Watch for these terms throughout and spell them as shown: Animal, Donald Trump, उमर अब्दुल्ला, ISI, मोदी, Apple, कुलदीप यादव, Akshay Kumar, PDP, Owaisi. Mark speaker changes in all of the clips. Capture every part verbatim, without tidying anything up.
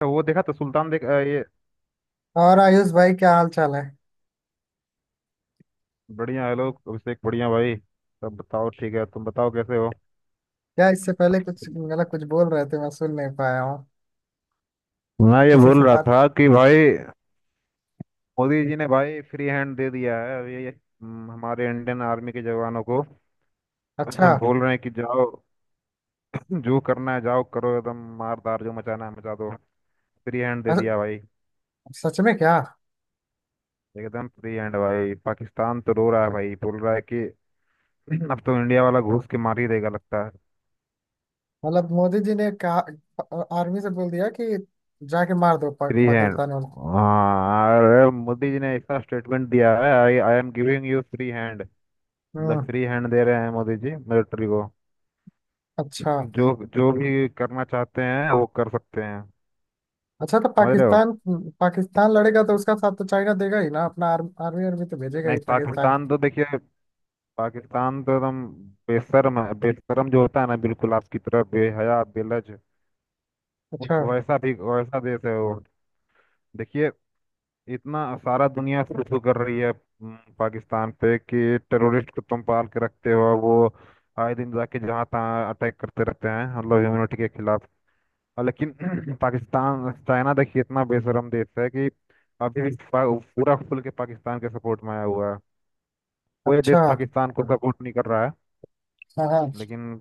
Speaker 1: तो वो देखा तो सुल्तान देख अ, ये
Speaker 2: और आयुष भाई, क्या हाल चाल है?
Speaker 1: बढ़िया है लोग। अभिषेक बढ़िया भाई। सब बताओ ठीक है, तुम बताओ कैसे हो।
Speaker 2: क्या इससे पहले कुछ मतलब कुछ बोल रहे थे? मैं सुन नहीं पाया हूँ।
Speaker 1: मैं ये
Speaker 2: किसी से
Speaker 1: बोल रहा
Speaker 2: बात।
Speaker 1: था कि भाई मोदी जी ने भाई फ्री हैंड दे दिया है अब ये हम्म, हमारे इंडियन आर्मी के जवानों को
Speaker 2: अच्छा।
Speaker 1: बोल रहे हैं कि जाओ जो करना है, जाओ करो, एकदम मारदार जो मचाना है मचा दो। फ्री हैंड दे
Speaker 2: अरे,
Speaker 1: दिया भाई।
Speaker 2: सच में क्या?
Speaker 1: एकदम फ्री हैंड भाई, पाकिस्तान तो रो रहा है भाई, बोल रहा है कि अब तो इंडिया वाला घुस के मार ही देगा लगता है।
Speaker 2: मतलब मोदी जी ने कहा। आर्मी से बोल दिया कि जाके मार दो पा,
Speaker 1: फ्री हैंड।
Speaker 2: पाकिस्तान वाले।
Speaker 1: हाँ अरे मोदी जी ने ऐसा स्टेटमेंट दिया है, I I am giving you free hand. मतलब
Speaker 2: हम्म।
Speaker 1: फ्री हैंड दे रहे हैं मोदी जी मिलिट्री को।
Speaker 2: अच्छा।
Speaker 1: जो जो भी करना चाहते हैं वो कर सकते हैं।
Speaker 2: अच्छा, तो
Speaker 1: समझ रहे हो।
Speaker 2: पाकिस्तान। पाकिस्तान लड़ेगा तो उसका साथ तो चाइना देगा ही ना, अपना आर्म, आर्मी आर्मी तो भेजेगा ही
Speaker 1: नहीं
Speaker 2: पाकिस्तान।
Speaker 1: पाकिस्तान तो देखिए, पाकिस्तान तो एकदम बेशर्म है। बेशर्म जो होता है ना बिल्कुल आपकी तरह बेहया बेलज, उस
Speaker 2: अच्छा।
Speaker 1: वैसा भी वैसा देश है वो। देखिए इतना सारा दुनिया शुरू कर रही है हम्म, पाकिस्तान पे कि टेररिस्ट को तुम पाल के रखते हो, वो आए दिन जाके जहाँ तहाँ अटैक करते रहते हैं मतलब ह्यूमनिटी के खिलाफ। और लेकिन पाकिस्तान चाइना, देखिए इतना बेशरम देश है कि अभी भी पा- पूरा खुल के पाकिस्तान के सपोर्ट में आया हुआ है। कोई देश
Speaker 2: अच्छा।
Speaker 1: पाकिस्तान को सपोर्ट नहीं कर रहा है,
Speaker 2: हाँ, हाँ।
Speaker 1: लेकिन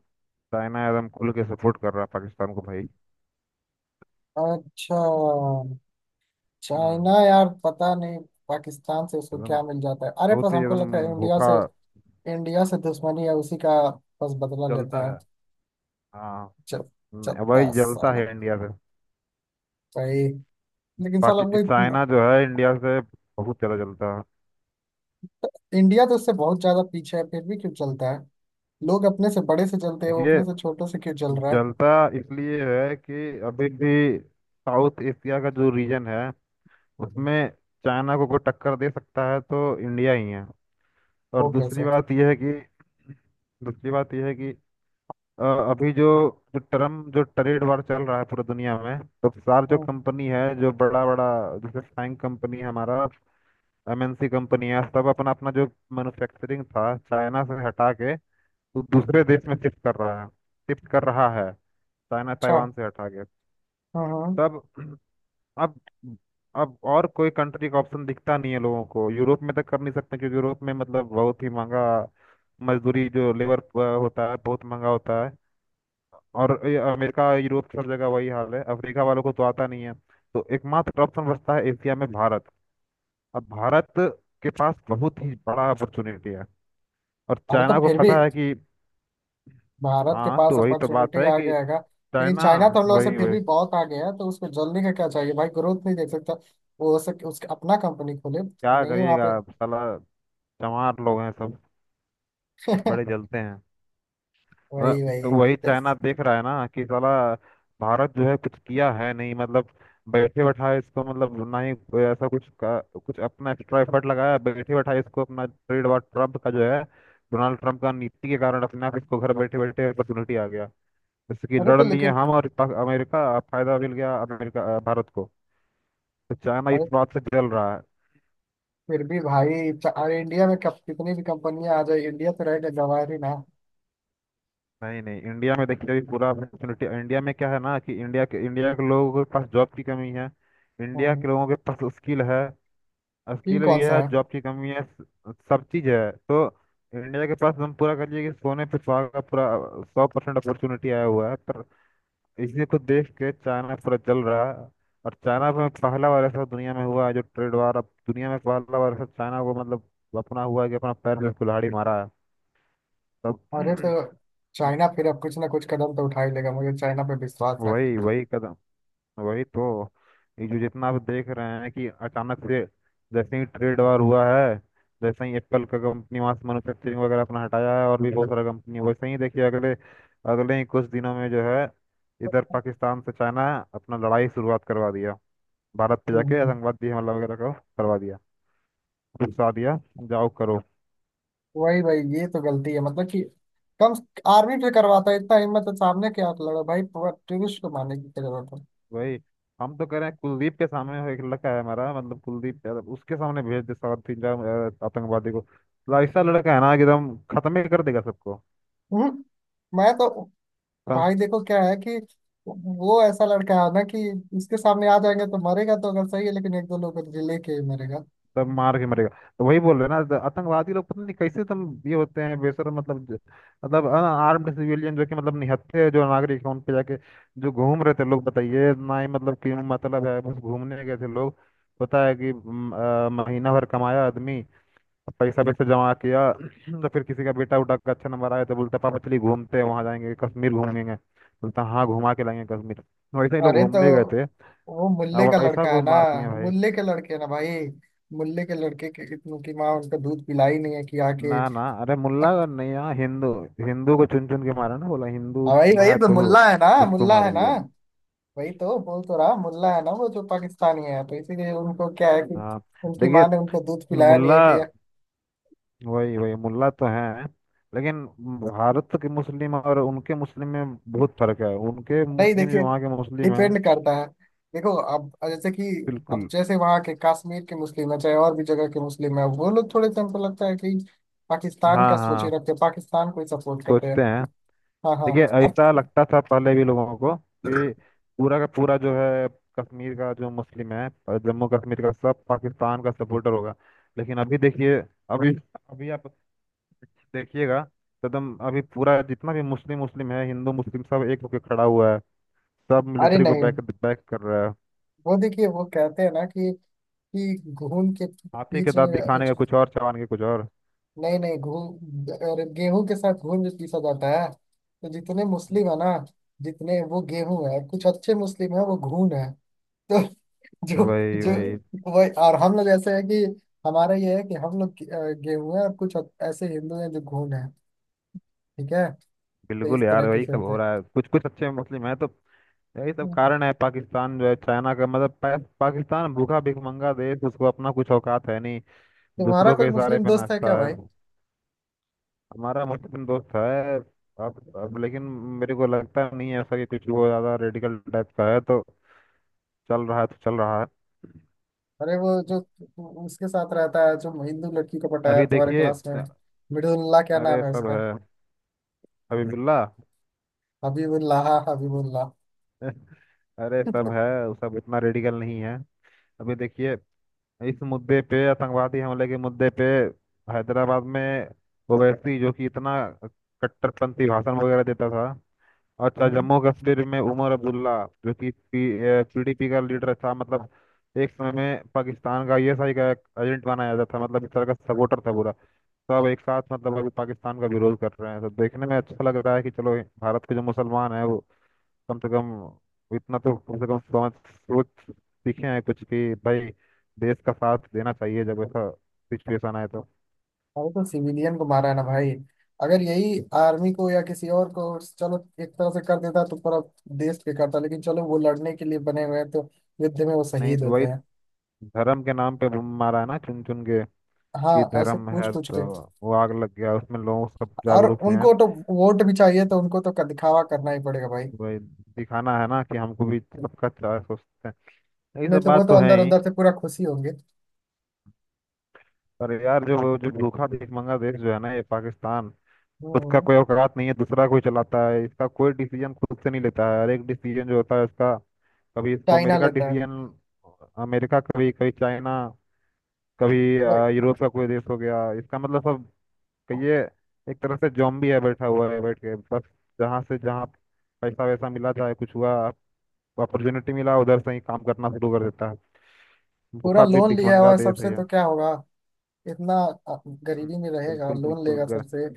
Speaker 1: चाइना एकदम खुल के सपोर्ट कर रहा है पाकिस्तान को भाई।
Speaker 2: अच्छा।
Speaker 1: हम्म।
Speaker 2: चाइना यार पता नहीं। पाकिस्तान से उसको
Speaker 1: एकदम
Speaker 2: क्या मिल जाता है? अरे, बस
Speaker 1: बहुत ही
Speaker 2: हमको
Speaker 1: एकदम
Speaker 2: लगता है इंडिया
Speaker 1: भूखा
Speaker 2: से। इंडिया से दुश्मनी है उसी का। बस बदला
Speaker 1: जलता
Speaker 2: लेता
Speaker 1: है।
Speaker 2: है।
Speaker 1: हाँ।
Speaker 2: चल।
Speaker 1: न-
Speaker 2: चलता
Speaker 1: वही जलता
Speaker 2: साला
Speaker 1: है इंडिया से।
Speaker 2: भाई। लेकिन साला
Speaker 1: पाकि
Speaker 2: हमको इतना-
Speaker 1: चाइना जो है इंडिया से बहुत ज़्यादा जलता है।
Speaker 2: इंडिया तो उससे बहुत ज्यादा पीछे है, फिर भी क्यों चलता है? लोग अपने से बड़े से चलते हैं, वो
Speaker 1: देखिए
Speaker 2: अपने से छोटों से क्यों चल रहा है?
Speaker 1: जलता इसलिए है कि अभी भी साउथ एशिया का जो रीजन है उसमें चाइना को कोई टक्कर दे सकता है तो इंडिया ही है। और
Speaker 2: वो
Speaker 1: दूसरी
Speaker 2: कैसे?
Speaker 1: बात यह है कि दूसरी बात यह है कि अ, अभी जो जो टर्म जो ट्रेड वार चल रहा है पूरी दुनिया में, तो सार जो
Speaker 2: हम्म।
Speaker 1: कंपनी है, जो बड़ा बड़ा जैसे फाइन कंपनी है हमारा, एमएनसी कंपनी है, सब अपना अपना जो मैन्युफैक्चरिंग था चाइना से हटा के वो दूसरे देश में शिफ्ट कर रहा है। शिफ्ट कर रहा है चाइना
Speaker 2: अच्छा।
Speaker 1: ताइवान से हटा के।
Speaker 2: हम्म, हम्म।
Speaker 1: तब अब अब और कोई कंट्री का ऑप्शन दिखता नहीं है लोगों को। यूरोप में तक कर नहीं सकते क्योंकि यूरोप में मतलब बहुत ही महंगा मजदूरी जो लेबर होता है बहुत महंगा होता है। और ये अमेरिका, यूरोप सब जगह वही हाल है। अफ्रीका वालों को तो आता नहीं है। तो एकमात्र ऑप्शन बचता है एशिया में भारत। अब भारत के पास बहुत ही बड़ा अपॉर्चुनिटी है। और
Speaker 2: अरे तो
Speaker 1: चाइना को
Speaker 2: फिर भी
Speaker 1: पता है कि,
Speaker 2: भारत के
Speaker 1: हाँ
Speaker 2: पास
Speaker 1: तो वही तो बात
Speaker 2: अपॉर्चुनिटी
Speaker 1: है
Speaker 2: आ
Speaker 1: कि
Speaker 2: गया है। लेकिन
Speaker 1: चाइना,
Speaker 2: चाइना तो हम लोग से
Speaker 1: वही
Speaker 2: फिर
Speaker 1: वही,
Speaker 2: भी बहुत आगे है, तो उसको जल्दी का क्या चाहिए भाई? ग्रोथ नहीं देख सकता। वो हो सके उसके अपना कंपनी खोले।
Speaker 1: क्या
Speaker 2: नहीं वहाँ पे।
Speaker 1: करिएगा साला चमार लोग हैं सब, बड़े जलते हैं। अ,
Speaker 2: वही,
Speaker 1: तो
Speaker 2: वही।
Speaker 1: वही चाइना
Speaker 2: यस।
Speaker 1: देख रहा है ना कि साला भारत जो है कुछ किया है नहीं। मतलब बैठे बैठाए इसको, मतलब ना ही कोई ऐसा कुछ का, कुछ अपना एक्स्ट्रा एफर्ट लगाया, बैठे बैठाए इसको अपना ट्रेड वॉर ट्रम्प का जो है डोनाल्ड ट्रम्प का नीति के कारण अपने आप इसको घर बैठे बैठे अपॉर्चुनिटी आ गया। जैसे कि
Speaker 2: अरे
Speaker 1: लड़
Speaker 2: तो
Speaker 1: लिए
Speaker 2: लेकिन।
Speaker 1: हम और पाक- अमेरिका, फायदा मिल गया अमेरिका भारत को। तो चाइना
Speaker 2: अरे
Speaker 1: इस बात से जल रहा है।
Speaker 2: फिर भी भाई च- अरे इंडिया में कब कितनी भी कंपनियां आ जाए, इंडिया तो रहेगा गंवार ही ना।
Speaker 1: नहीं नहीं, इंडिया में देखिए अभी पूरा अपॉर्चुनिटी इंडिया में क्या है ना कि इंडिया के इंडिया के लोगों के पास जॉब की कमी है। इंडिया
Speaker 2: हाँ।
Speaker 1: के लोगों के पास स्किल है,
Speaker 2: फील
Speaker 1: स्किल भी
Speaker 2: कौन सा
Speaker 1: है,
Speaker 2: है?
Speaker 1: जॉब की कमी है, स- सब चीज़ है तो इंडिया के पास हम पूरा कहिए कि सोने पे सुहागा का पूरा सौ परसेंट अपॉर्चुनिटी आया हुआ है। पर इसी को देख के चाइना पूरा जल रहा है। और चाइना में पहला बार ऐसा दुनिया में हुआ है, जो ट्रेड वार, अब दुनिया में पहला बार ऐसा चाइना को मतलब अपना हुआ है कि अपना पैर में कुल्हाड़ी मारा है। तब
Speaker 2: अरे तो
Speaker 1: अब
Speaker 2: चाइना फिर अब कुछ ना कुछ कदम तो उठा ही लेगा। मुझे चाइना पे विश्वास है।
Speaker 1: वही वही कदम, वही तो ये जो जितना आप देख रहे हैं कि अचानक से जैसे ही ट्रेड वार हुआ है, जैसे ही एप्पल का कंपनी वहां से मैन्युफैक्चरिंग वगैरह अपना हटाया है और भी बहुत सारा कंपनी वैसे ही। देखिए अगले अगले ही कुछ दिनों में जो है इधर पाकिस्तान से चाइना अपना लड़ाई शुरुआत करवा दिया, भारत पे
Speaker 2: हम्म। हम्म,
Speaker 1: जाके
Speaker 2: हम्म।
Speaker 1: आतंकवादी हमला वगैरह का करवा दिया, उकसा दिया, जाओ करो।
Speaker 2: वही भाई, ये तो गलती है मतलब कि कम आर्मी पे करवाता, इतना हिम्मत है सामने क्या लड़ो भाई। टूरिस्ट को मारने की क्या जरूरत है?
Speaker 1: वही, हम तो कह रहे हैं कुलदीप के सामने एक लड़का है हमारा मतलब कुलदीप यादव, उसके सामने भेज दे सात तीन चार अ, आतंकवादी को। ला- ऐसा लड़का है ना कि एकदम खत्म ही कर देगा सबको,
Speaker 2: हम्म। मैं तो,
Speaker 1: सब।
Speaker 2: भाई देखो क्या है कि वो ऐसा लड़का है ना कि इसके सामने आ जाएंगे तो मरेगा तो अगर सही है, लेकिन एक दो लोग को लेके ही मरेगा।
Speaker 1: सब मार के मरेगा। तो वही बोल रहे हैं ना, तो आतंकवादी लोग पता नहीं कैसे तुम ये होते हैं बेसर, मतलब ज- मतलब आर्म्ड सिविलियन जो कि मतलब निहत्थे जो नागरिक हैं उन पे जाके, जो घूम रहे थे लोग, बताइए ना ही मतलब क्यों, मतलब है बस घूमने गए थे लोग। पता है कि म, अ, महीना भर कमाया आदमी, पैसा वैसा जमा किया, तो फिर किसी का बेटा उठा के अच्छे नंबर आया तो बोलता पापा चलिए घूमते हैं, वहाँ जाएंगे कश्मीर घूमेंगे। बोलता हाँ घुमा के लाएंगे कश्मीर, तो वैसे ही लोग
Speaker 2: अरे तो
Speaker 1: घूमने गए थे।
Speaker 2: वो मुल्ले
Speaker 1: अब
Speaker 2: का
Speaker 1: वैसा
Speaker 2: लड़का है
Speaker 1: को
Speaker 2: ना।
Speaker 1: मार दिया भाई।
Speaker 2: मुल्ले के लड़के ना भाई। मुल्ले के लड़के के इतने की माँ उनका दूध पिलाई नहीं है कि आके
Speaker 1: ना ना अरे, मुल्ला नहीं, यहाँ हिंदू, हिंदू को चुन चुन के मारा, ना बोला हिंदू
Speaker 2: हाँ भाई भाई,
Speaker 1: है
Speaker 2: तो
Speaker 1: तो
Speaker 2: मुल्ला है ना,
Speaker 1: उसको
Speaker 2: मुल्ला है
Speaker 1: मार
Speaker 2: ना।
Speaker 1: दिया।
Speaker 2: वही तो बोल तो रहा, मुल्ला है ना, वो जो पाकिस्तानी है तो इसीलिए उनको क्या है कि
Speaker 1: हाँ।
Speaker 2: उनकी
Speaker 1: देखिए
Speaker 2: माँ ने उनको दूध पिलाया नहीं
Speaker 1: मुल्ला,
Speaker 2: है कि
Speaker 1: वही वही मुल्ला तो है, लेकिन भारत के मुस्लिम और उनके मुस्लिम में बहुत फर्क है। उनके
Speaker 2: नहीं
Speaker 1: मुस्लिम
Speaker 2: देखिए,
Speaker 1: जो, वहाँ के मुस्लिम हैं।
Speaker 2: डिपेंड करता है। देखो अब जैसे कि अब
Speaker 1: बिल्कुल।
Speaker 2: जैसे वहाँ के कश्मीर के मुस्लिम है, चाहे और भी जगह के मुस्लिम है, वो लोग थोड़े से हमको लगता है कि पाकिस्तान का
Speaker 1: हाँ
Speaker 2: सोचे
Speaker 1: हाँ,
Speaker 2: रखते हैं, पाकिस्तान को ही सपोर्ट करते हैं।
Speaker 1: सोचते हैं।
Speaker 2: हाँ हाँ।
Speaker 1: देखिए
Speaker 2: अब।
Speaker 1: ऐसा लगता था पहले भी लोगों को कि पूरा का पूरा जो है कश्मीर का जो मुस्लिम है और जम्मू कश्मीर का, सब पाकिस्तान का सपोर्टर होगा। लेकिन अभी देखिए, अभी अभी आप देखिएगा तो एकदम अभी पूरा जितना भी मुस्लिम मुस्लिम है, हिंदू मुस्लिम सब एक होकर खड़ा हुआ है। सब
Speaker 2: अरे
Speaker 1: मिलिट्री को
Speaker 2: नहीं,
Speaker 1: बैक बैक कर रहा है।
Speaker 2: वो देखिए वो कहते हैं ना कि कि घून के
Speaker 1: हाथी के
Speaker 2: बीच
Speaker 1: दांत
Speaker 2: में
Speaker 1: दिखाने का कुछ और चबाने के कुछ और।
Speaker 2: नहीं नहीं, घूम। अरे गेहूं के साथ घून भी पीसा जाता है, तो जितने मुस्लिम है ना, जितने वो गेहूं है कुछ अच्छे मुस्लिम है, वो घून है। तो जो
Speaker 1: वही
Speaker 2: जो
Speaker 1: वही,
Speaker 2: वही, और हम लोग ऐसे है कि हमारा ये है कि हम लोग गे- अ, गेहूं है और कुछ ऐसे हिंदू हैं जो घून है। ठीक है। तो
Speaker 1: बिल्कुल
Speaker 2: इस
Speaker 1: यार
Speaker 2: तरह के
Speaker 1: वही
Speaker 2: से
Speaker 1: सब
Speaker 2: होते
Speaker 1: हो
Speaker 2: हैं।
Speaker 1: रहा है, कुछ कुछ अच्छे मुस्लिम है तो यही सब
Speaker 2: हम्म,
Speaker 1: कारण है। पाकिस्तान जो है चाइना का मतलब पा, पाकिस्तान भूखा भिखमंगा देश, उसको अपना कुछ औकात है नहीं,
Speaker 2: तुम्हारा
Speaker 1: दूसरों
Speaker 2: कोई
Speaker 1: के इशारे
Speaker 2: मुस्लिम
Speaker 1: पे
Speaker 2: दोस्त है
Speaker 1: नाचता
Speaker 2: क्या
Speaker 1: है।
Speaker 2: भाई?
Speaker 1: हमारा मुस्लिम दोस्त है। अब अब लेकिन मेरे को लगता नहीं है ऐसा कि कुछ वो ज्यादा रेडिकल टाइप का है, तो चल रहा है तो चल रहा है।
Speaker 2: अरे वो जो उसके साथ रहता है जो हिंदू लड़की को पटाया
Speaker 1: अभी
Speaker 2: तुम्हारे
Speaker 1: देखिए,
Speaker 2: क्लास में मिडुल्ला, क्या
Speaker 1: अरे
Speaker 2: नाम है
Speaker 1: सब
Speaker 2: उसका?
Speaker 1: है, हबीबुल्ला
Speaker 2: हबीबुल्लाह, हबीबुल्लाह।
Speaker 1: अरे सब है, वो सब इतना रेडिकल नहीं है। अभी देखिए इस मुद्दे पे, आतंकवादी हमले के मुद्दे पे, हैदराबाद में ओवैसी जो कि इतना कट्टरपंथी भाषण वगैरह देता था, अच्छा
Speaker 2: हम्म।
Speaker 1: जम्मू कश्मीर में उमर अब्दुल्ला जो कि पीडीपी का लीडर था, मतलब एक समय में पाकिस्तान का आईएसआई का एजेंट माना जाता था, मतलब इस तरह का सपोर्टर था पूरा, सब एक साथ मतलब अभी पाकिस्तान का विरोध कर रहे हैं। तो देखने में अच्छा लग रहा है कि चलो भारत के जो मुसलमान हैं वो कम से कम, इतना तो कम से कम समझ सोच सीखे हैं कुछ कि भाई देश का साथ देना चाहिए जब ऐसा सिचुएशन आए तो।
Speaker 2: भाई, तो सिविलियन को मारा है ना भाई। अगर यही आर्मी को या किसी और को, चलो, एक तरह से कर देता तो पूरा देश पे करता, लेकिन चलो वो लड़ने के लिए बने हुए हैं तो युद्ध में वो
Speaker 1: नहीं
Speaker 2: शहीद होते
Speaker 1: वही,
Speaker 2: हैं।
Speaker 1: धर्म के नाम पे वो मारा है ना चुन चुन के,
Speaker 2: हाँ,
Speaker 1: कि
Speaker 2: ऐसे
Speaker 1: धर्म
Speaker 2: पूछ
Speaker 1: है
Speaker 2: पूछ के।
Speaker 1: तो, वो आग लग गया उसमें लोग सब
Speaker 2: और
Speaker 1: जागरूक हुए हैं।
Speaker 2: उनको तो वोट भी चाहिए तो उनको तो दिखावा करना ही पड़ेगा भाई।
Speaker 1: वही दिखाना है ना कि हमको भी सबका अच्छा सोचते हैं, यही
Speaker 2: नहीं
Speaker 1: सब
Speaker 2: तो वो
Speaker 1: बात
Speaker 2: तो
Speaker 1: तो है
Speaker 2: अंदर
Speaker 1: ही।
Speaker 2: अंदर से पूरा खुशी होंगे।
Speaker 1: पर यार जो, जो भूखा भीख मंगा देश जो है ना ये पाकिस्तान, खुद का
Speaker 2: हम्म।
Speaker 1: कोई औकात नहीं है, दूसरा कोई चलाता है, इसका कोई डिसीजन खुद से नहीं लेता है। हर एक डिसीजन जो होता है इसका, कभी इसको
Speaker 2: चाइना
Speaker 1: अमेरिका
Speaker 2: लेता है
Speaker 1: डिसीजन, अमेरिका कभी, कभी चाइना, कभी
Speaker 2: भाई।
Speaker 1: अ, यूरोप का कोई देश, हो गया इसका मतलब सब। कहिए एक तरह से जॉम्बी है, बैठा हुआ है, बैठ के बस जहाँ से जहाँ पैसा वैसा मिला चाहे कुछ हुआ, अपॉर्चुनिटी मिला उधर से ही काम करना शुरू कर देता है।
Speaker 2: पूरा
Speaker 1: भूखा भी
Speaker 2: लोन लिया हुआ
Speaker 1: भिखमंगा
Speaker 2: है
Speaker 1: देश
Speaker 2: सबसे,
Speaker 1: है ये।
Speaker 2: तो क्या होगा? इतना अ,
Speaker 1: हम्म,
Speaker 2: गरीबी में रहेगा
Speaker 1: बिल्कुल
Speaker 2: लोन
Speaker 1: बिल्कुल
Speaker 2: लेगा
Speaker 1: गर
Speaker 2: सबसे।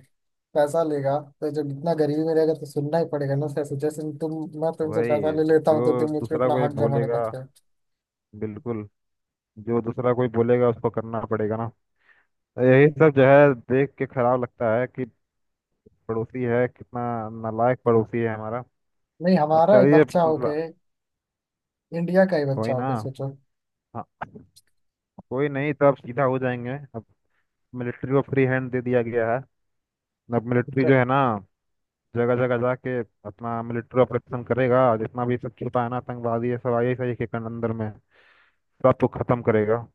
Speaker 2: पैसा लेगा तो जब इतना गरीबी में रहेगा तो सुनना ही पड़ेगा ना सर, जैसे तुम, मैं तुमसे पैसा
Speaker 1: वही,
Speaker 2: ले लेता हूँ तो
Speaker 1: जो
Speaker 2: तुम मुझ पे
Speaker 1: दूसरा
Speaker 2: अपना
Speaker 1: कोई
Speaker 2: हक जमाने
Speaker 1: बोलेगा,
Speaker 2: लगते हो।
Speaker 1: बिल्कुल, जो दूसरा कोई बोलेगा उसको करना पड़ेगा ना। तो यही सब जो है देख के खराब लगता है कि पड़ोसी है, कितना नालायक पड़ोसी है हमारा।
Speaker 2: नहीं,
Speaker 1: अब
Speaker 2: हमारा ही
Speaker 1: चलिए
Speaker 2: बच्चा होके, इंडिया का ही बच्चा
Speaker 1: कोई ना,
Speaker 2: होके सोचो।
Speaker 1: हाँ कोई नहीं, तो अब सीधा हो जाएंगे अब। मिलिट्री को फ्री हैंड दे दिया गया है। अब मिलिट्री
Speaker 2: अच्छा।
Speaker 1: जो है ना, जगह जगह जाके अपना मिलिट्री ऑपरेशन करेगा, जितना भी सब छुपा है ना आतंकवादी ये सब आई सही के कन- अंदर में सबको खत्म करेगा।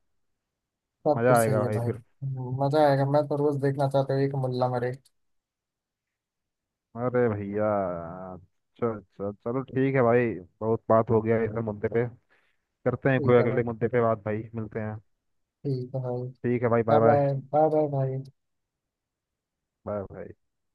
Speaker 2: सब
Speaker 1: मजा
Speaker 2: कुछ सही
Speaker 1: आएगा
Speaker 2: है
Speaker 1: भाई
Speaker 2: भाई।
Speaker 1: फिर।
Speaker 2: मजा आएगा, मैं तो रोज देखना चाहता हूँ एक मुल्ला मरे।
Speaker 1: अरे भैया चल चल, चलो ठीक है भाई, बहुत बात हो गया इस मुद्दे पे, करते हैं कोई
Speaker 2: ठीक है भाई।
Speaker 1: अगले मुद्दे पे बात। भाई मिलते हैं,
Speaker 2: ठीक है भाई।
Speaker 1: ठीक है भाई। Bye
Speaker 2: bye
Speaker 1: bye.
Speaker 2: Bye, bye bye भाई।
Speaker 1: Bye bye.